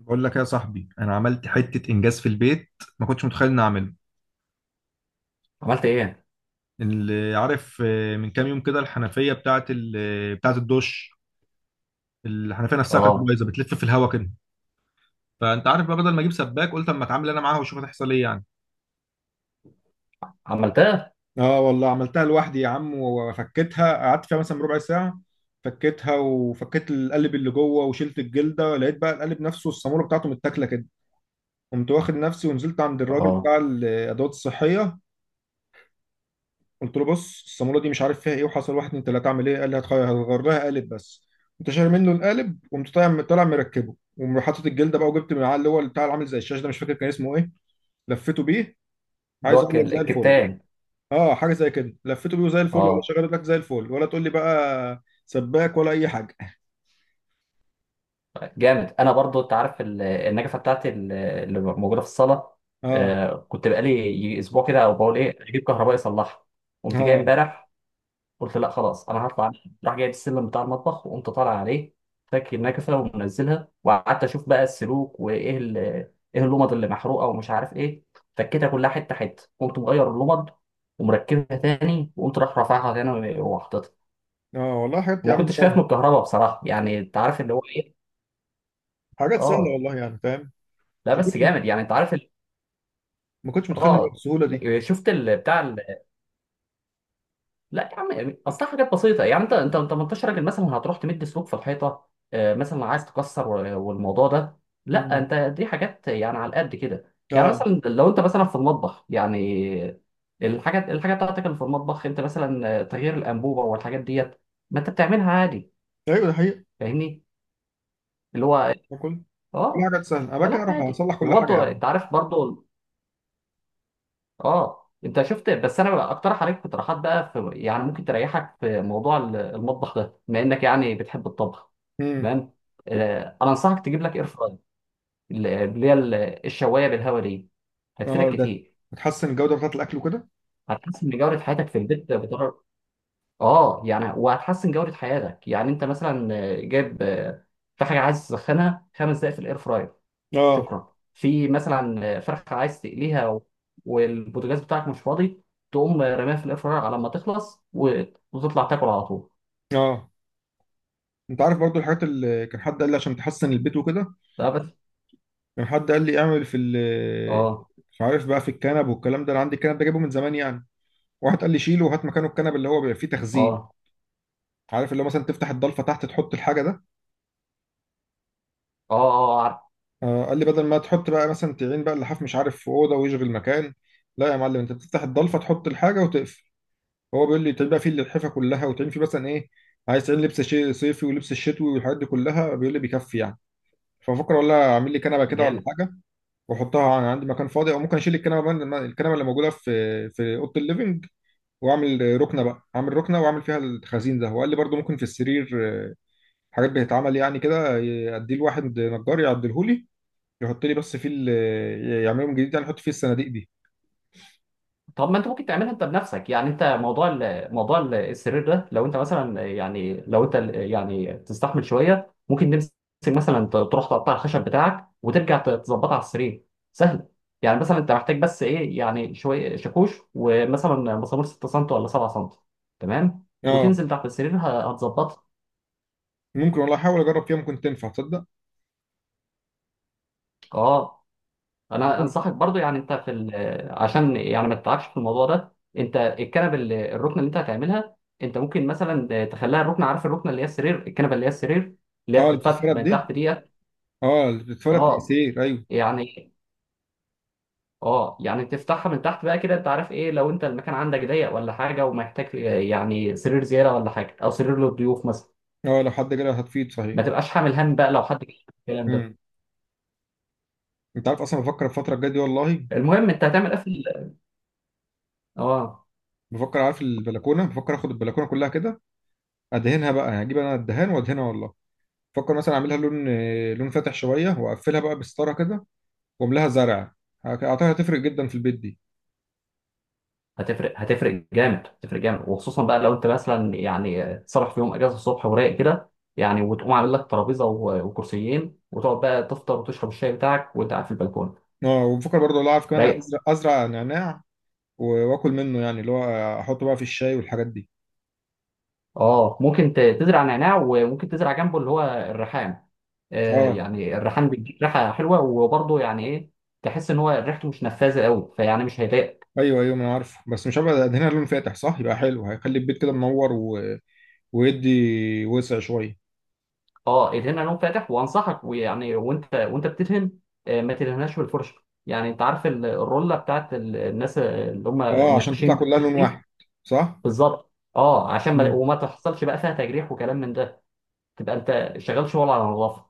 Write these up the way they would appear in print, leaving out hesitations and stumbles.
بقول لك يا صاحبي، انا عملت حته انجاز في البيت. ما كنتش متخيل اني اعمله. عملت ايه؟ اللي عارف، من كام يوم كده الحنفيه بتاعه بتاعه الدش. الحنفيه نفسها كانت اه. بايظه، بتلف في الهواء كده. فانت عارف بقى، بدل ما اجيب سباك قلت اما اتعامل انا معاها واشوف هتحصل ايه يعني. عملتها. اه والله، عملتها لوحدي يا عم، وفكيتها قعدت فيها مثلا ربع ساعه. فكيتها وفكيت القلب اللي جوه وشلت الجلده، لقيت بقى القلب نفسه الصاموله بتاعته متاكله كده. قمت واخد نفسي ونزلت عند الراجل اه، بتاع الادوات الصحيه. قلت له بص، الصامولة دي مش عارف فيها ايه، وحصل واحد اتنين تلاته، اعمل ايه؟ قال لي هتغير هتغير لها قالب بس. قمت شاري منه القالب، وقمت طالع مركبه، وحاطط الجلده بقى، وجبت من العلى اللي هو بتاع اللي عامل زي الشاشه ده، مش فاكر كان اسمه ايه. لفيته بيه. اللي عايز هو اقول لك زي الفل. الكتان. اه، حاجه زي كده، لفيته بيه وزي الفل، ولا اه، شغال لك زي الفل، ولا تقول لي بقى سباك ولا اي حاجه. جامد. انا برضو انت عارف النجفه بتاعتي اللي موجوده في الصاله. اه. كنت بقالي اسبوع كده، او بقول ايه اجيب كهربائي يصلحها. قمت جاي اه. امبارح، قلت لا خلاص انا هطلع أنام. راح جايب السلم بتاع المطبخ وقمت طالع عليه، فك النكفه ومنزلها، وقعدت اشوف بقى السلوك وايه ايه اللمض اللي محروقه ومش عارف ايه. فكيتها كلها حته حته، قمت مغير اللمض ومركبها تاني، وقمت راح رافعها تاني وحاططها. اه والله، حاجات يا وما عم كنتش خايف سهله. من الكهرباء بصراحه، يعني انت عارف اللي هو ايه. حاجات سهله اه، والله، يعني فاهم. لا ما بس كنت جامد، يعني انت عارف ما كنتش متخيل إنها اه بالسهوله دي. لا، شفت بتاع. لا يا عم، يعني اصل حاجات بسيطه، يعني انت 18 راجل مثلا هتروح تمد سلوك في الحيطه، مثلا عايز تكسر والموضوع ده. لا امم. انت دي حاجات يعني على قد كده، يعني اه. مثلا لو انت مثلا في المطبخ يعني الحاجات بتاعتك اللي في المطبخ، انت مثلا تغيير الانبوبه والحاجات ديت، ما انت بتعملها عادي. ايوه، ده حقيقي. فاهمني؟ اللي هو. باكل. كل اه، حاجه تسال، انا بكره فلا اروح عادي، اصلح كل حاجه وبرضه يعني. انت عارف برضه. اه، انت شفت، بس انا بقى اقترح عليك اقتراحات بقى، في يعني ممكن تريحك في موضوع المطبخ ده بما انك يعني بتحب الطبخ. امم. تمام. انا انصحك تجيب لك اير فراير، اللي هي الشوايه بالهواء دي. هتفيدك اه. ده. كتير، بتحسن الجوده بتاعه الاكل وكده. هتحسن من جوده حياتك في البيت بطريقه. اه يعني، وهتحسن جوده حياتك، يعني انت مثلا جايب في حاجه عايز تسخنها 5 دقائق في الاير فراير، اه. شكرا، في مثلا فرخة عايز تقليها والبوتاجاز بتاعك مش فاضي، تقوم رميها في الاير فراير على ما تخلص وتطلع تاكل على طول. اه، انت عارف برضو الحاجات اللي كان حد قال لي عشان تحسن البيت وكده. ده بس. كان حد قال لي اعمل في ال اه. مش عارف بقى، في الكنب والكلام ده، انا عندي الكنب ده جايبه من زمان يعني. واحد قال لي شيله وهات مكانه الكنب اللي هو بيبقى فيه تخزين. اه. عارف اللي هو مثلا تفتح الضلفه تحت تحط الحاجه ده. اه. اه عارف. قال لي بدل ما تحط بقى مثلا تعين بقى اللحاف، مش عارف، في اوضه ويشغل مكان. لا يا معلم، انت بتفتح الضلفه تحط الحاجه وتقفل. هو بيقول لي تعين بقى فيه اللحفه كلها، وتعين فيه مثلا ايه، عايز تعين لبس صيفي ولبس الشتوي والحاجات دي كلها، بيقول لي بيكفي يعني. ففكر والله اعمل لي كنبه كده ولا جامد. حاجه، واحطها، انا عندي مكان فاضي، او ممكن اشيل الكنبه من الكنبه اللي موجوده في اوضه الليفنج. واعمل ركنه بقى، اعمل ركنه واعمل فيها الخزين ده. وقال لي برضو ممكن في السرير حاجات بتتعمل يعني كده، اديه لواحد نجار يعدلهولي، يحط لي بس فيه يعملهم جديد يعني، يحط فيه الصناديق دي. طب ما انت ممكن تعملها انت بنفسك، يعني انت موضوع موضوع السرير ده لو انت مثلا، يعني لو انت يعني تستحمل شويه، ممكن تمسك مثلا تروح تقطع الخشب بتاعك وترجع تظبطها على السرير. سهل، يعني مثلا انت محتاج بس ايه، يعني شويه شاكوش ومثلا مسامير 6 سم ولا 7 سم، تمام، اه وتنزل تحت السرير هتظبطها. ممكن والله، احاول اجرب فيها ممكن تنفع، تصدق؟ اه، انا ممكن. انصحك برضو، يعني انت في عشان يعني ما تتعبش في الموضوع ده، انت الكنبه الركنه اللي انت هتعملها، انت ممكن مثلا تخليها الركنه، عارف الركنه اللي هي السرير، الكنبه اللي هي السرير اللي هي اه، اللي بتتفتح بتتفرد من دي. تحت ديت. اه، بتفرق اه تأثير، ايوه. يعني، اه يعني تفتحها من تحت بقى كده، انت عارف ايه، لو انت المكان عندك ضيق ولا حاجه ومحتاج يعني سرير زياده ولا حاجه، او سرير للضيوف مثلا، اه، لو حد جالي هتفيد صحيح. ما تبقاش حامل هم بقى لو حد جه، الكلام ده. امم. انت عارف اصلا بفكر الفتره الجايه دي والله. المهم انت هتعمل ايه في اه، بفكر، عارف، البلكونه، بفكر اخد البلكونه كلها كده، ادهنها بقى يعني، اجيب انا الدهان وادهنها والله. بفكر مثلا اعملها لون فاتح شويه، واقفلها بقى بستاره كده، واملاها زرع. اعتقد هتفرق جدا في البيت دي. هتفرق، هتفرق جامد، هتفرق جامد، وخصوصا بقى لو انت مثلا يعني صرف في يوم اجازه الصبح ورايق كده، يعني وتقوم عامل لك ترابيزه وكرسيين وتقعد بقى تفطر وتشرب الشاي بتاعك وانت قاعد في البلكونه. اه، وبفكر برضه والله، عارف، كمان رايق. ازرع نعناع واكل منه يعني، اللي هو احطه بقى في الشاي والحاجات دي. اه، ممكن تزرع نعناع، وممكن تزرع جنبه اللي هو الريحان. آه اه يعني الريحان بيديك ريحه حلوه، وبرضه يعني ايه، تحس ان هو ريحته مش نفاذه قوي، فيعني مش هيضايقك. ايوه ايوه، ما انا عارفه، بس مش هبقى ادهنها لون فاتح صح يبقى حلو، هيخلي البيت كده منور، ويدي وسع شويه. اه، ادهنها لون فاتح، وانصحك ويعني وانت بتدهن، ما تدهنهاش بالفرشه، يعني انت عارف الروله بتاعت الناس اللي هم اه، عشان تطلع النقاشين كلها لون واحد. دي. صح. بالظبط، اه، عشان ما مم. وما تحصلش بقى فيها تجريح وكلام من ده، تبقى انت شغال شغل على نظافه.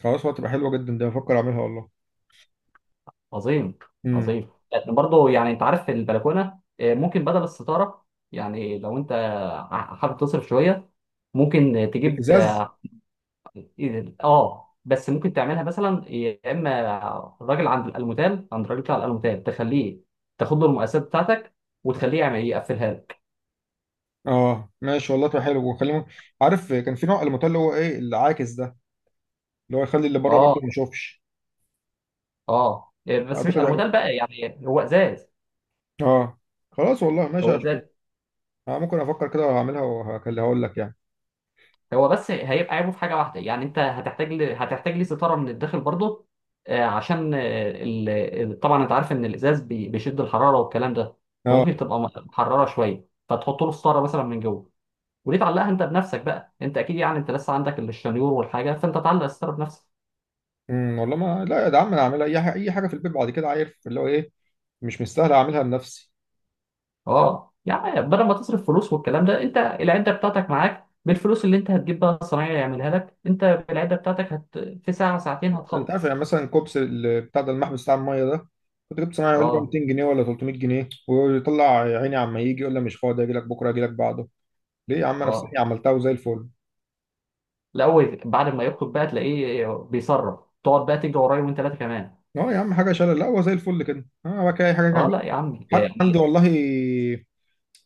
خلاص، هتبقى حلوه جدا ده، بفكر اعملها والله. عظيم. امم. عظيم، لكن برضه يعني انت عارف في البلكونه، ممكن بدل الستاره، يعني لو انت حابب تصرف شويه، ممكن تجيب الازاز. اه بس ممكن تعملها مثلا يا اما الراجل عند الالموتال، عند الراجل بتاع الالموتال، تخليه تاخد له المقاسات بتاعتك وتخليه يعمل يقفلها لك. اه ماشي والله، تبقى حلو، وخلي، عارف، كان في نوع الموتيل اللي هو ايه العاكس ده، اللي هو يخلي اللي بره برضه اه، ما يشوفش. اه، بس مش اعتقد هيبقى. الموتال بقى، يعني هو ازاز. اه. خلاص والله، ماشي، هو ازاز، هشوف. ممكن افكر كده، وهعملها وهكلها اقول لك يعني. هو بس هيبقى عيبه في حاجه واحده، يعني انت هتحتاج ليه ستاره من الداخل برضه، عشان طبعا انت عارف ان الازاز بيشد الحراره والكلام ده، اه. فممكن تبقى محرره شويه، فتحط له ستاره مثلا من جوه. وليه تعلقها انت بنفسك بقى؟ انت اكيد، يعني انت لسه عندك الشنيور والحاجه، فانت تعلق الستاره بنفسك. امم. والله ما لا يا عم، انا هعملها اي حاجه، اي حاجه في البيت بعد كده عارف اللي هو ايه، مش مستاهل اعملها لنفسي. اه، يعني بدل ما تصرف فلوس والكلام ده، انت العده بتاعتك معاك، بالفلوس اللي انت هتجيب بقى الصنايعي يعملها لك، انت بالعده بتاعتك في ساعه ساعتين انت عارف هتخلص. يعني، مثلا كوبس بتاع ده، المحبس بتاع الميه ده، كنت جبت صناعي يقول لي بقى اه. 200 جنيه ولا 300 جنيه، ويطلع يا عيني عما يجي يقول لي مش فاضي، اجي لك بكره اجي لك بعده. ليه يا عم؟ انا في اه، سني عملتها وزي الفل. لا هو بعد ما يخطب بقى تلاقيه بيصرف، تقعد بقى تجري ورايا وانت ثلاثه كمان. اه يا عم، حاجه شلل، لا هو زي الفل كده، اه بقى كده اي حاجه اه، اعمل. لا يا عمي، حتى عندي يعني. والله،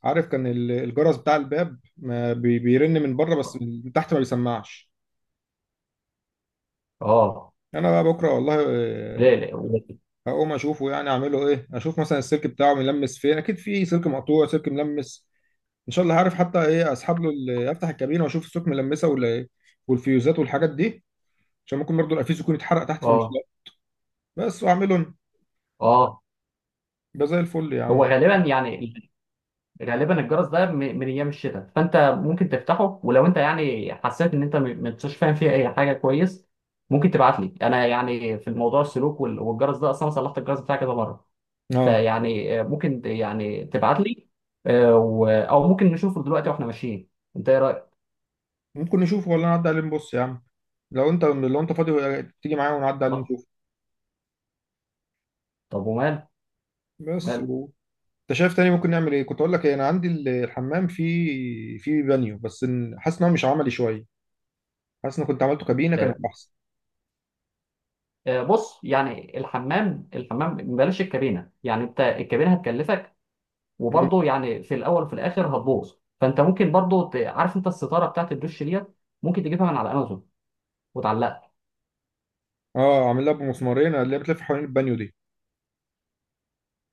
عارف، كان الجرس بتاع الباب ما بيرن من بره بس، من تحت ما بيسمعش. اه. انا بقى بكره والله، لا لا. هقوم اشوفه يعني اعمله ايه، اشوف مثلا السلك بتاعه ملمس فين، اكيد في سلك مقطوع سلك ملمس. ان شاء الله هعرف. حتى ايه، اسحب له افتح الكابينه واشوف السوك ملمسه ولا، والفيوزات والحاجات دي، عشان ممكن برضو الافيز يكون اتحرق تحت فمش اه. لاقي. بس واعمله أنا. اه، يبقى زي الفل يا عم. هو غالبا يعني، غالبا الجرس ده من ايام الشتاء، فانت ممكن تفتحه، ولو انت يعني حسيت ان انت ما انتش فاهم فيه اي حاجه كويس، ممكن تبعت لي انا، يعني في الموضوع السلوك والجرس ده، اصلا صلحت الجرس بتاعي كذا مره. اه فيعني ممكن يعني تبعت لي، او ممكن نشوفه دلوقتي واحنا ماشيين. انت ايه رايك؟ ممكن نشوفه، ولا نعدي عليه نبص يا عم. لو انت فاضي، تيجي معايا ونعدي عليه طب، نشوفه. طب ومال، بس مال. و... انت شايف تاني ممكن نعمل ايه؟ كنت اقول لك ايه، انا عندي الحمام فيه بانيو، بس حاسس ان هو مش عملي شويه، حاسس ان كنت عملته كابينه كانت احسن. بص، يعني الحمام، بلاش الكابينه، يعني انت الكابينه هتكلفك، م. وبرضه يعني في الاول وفي الاخر هتبوظ، فانت ممكن برضه عارف انت الستاره بتاعت الدش ديت، ممكن تجيبها من على امازون وتعلقها. اه، عامل لها بمسمارين اللي هي بتلف حوالين البانيو دي.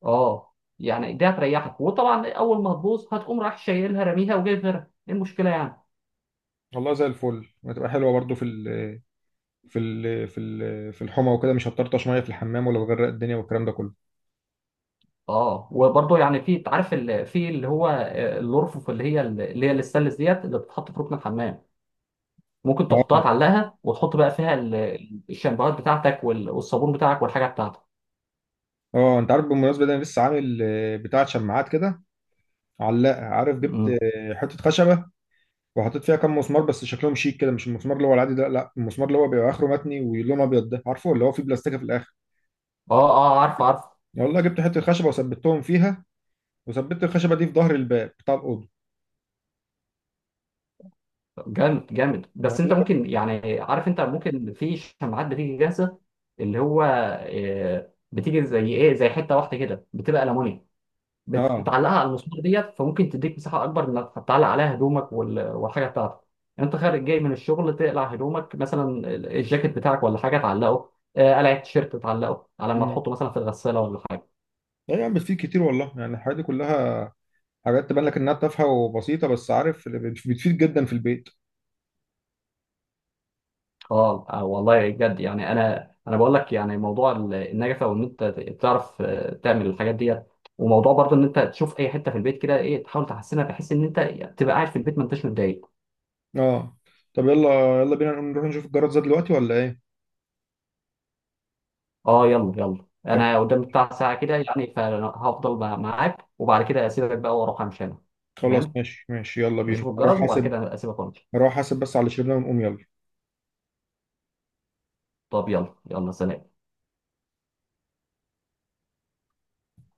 اه، يعني دي هتريحك، وطبعا اول ما هتبوظ هتقوم رايح شايلها راميها وجايب غيرها، ايه المشكله يعني؟ والله زي الفل، هتبقى حلوه برضو في الحمى وكده، مش هتطرطش ميه في الحمام ولا بغرق الدنيا والكلام ده كله. اه، وبرضه يعني في، عارف في اللي هو الأرفف اللي هي الستانلس ديت اللي بتتحط في ركن الحمام، ممكن تحطها اه. تعلقها وتحط بقى فيها الشامبوهات بتاعتك والصابون بتاعك والحاجه بتاعتك. انت عارف بالمناسبه ده، انا لسه عامل، بتاعه شماعات كده، علاقه، عارف، جبت مم. حته خشبه وحطيت فيها كام مسمار، بس شكلهم شيك كده، مش المسمار اللي هو العادي ده، لا المسمار اللي هو بيبقى اخره متني ولونه ابيض ده، عارفه اللي هو فيه بلاستيكه في الاخر. اه اه عارف عارف. والله جبت حته خشبه وثبتهم فيها، وثبت الخشبه دي في ظهر الباب بتاع الاوضه. جامد جامد، بس والله. انت ممكن، يعني عارف، انت ممكن في شماعات بتيجي جاهزه، اللي هو بتيجي زي ايه، زي حته واحده كده بتبقى الومنيوم، اه. بتعلقها على المسمار ديت، فممكن تديك مساحه اكبر انك تعلق عليها هدومك والحاجه بتاعتك. انت خارج جاي من الشغل تقلع هدومك مثلا، الجاكيت بتاعك ولا حاجه تعلقه، قلع التيشيرت تعلقه على ما امم. تحطه مثلا في الغساله ولا حاجه. لا يعني بتفيد كتير والله يعني، الحاجات دي كلها، حاجات تبان لك انها تافهه وبسيطه، بس عارف، بتفيد جدا في البيت. اه، والله بجد، يعني انا بقول لك، يعني موضوع النجفه وان انت تعرف تعمل الحاجات ديت، وموضوع برضه ان انت تشوف اي حته في البيت كده، ايه، تحاول تحسنها بحيث ان انت تبقى قاعد في البيت ما انتش متضايق. اه. طب يلا يلا بينا نروح نشوف الجرد زاد دلوقتي ولا ايه؟ اه، يلا يلا، خل- انا قدام بتاع ساعه كده يعني، فهفضل معاك وبعد كده اسيبك بقى واروح امشي انا. خلاص تمام، ماشي ماشي، يلا بينا نشوف اروح الجرس وبعد حاسب. كده اسيبك وامشي. اروح حاسب بس على اللي شربناه، ونقوم يلا. طب يلا يلا، سلام.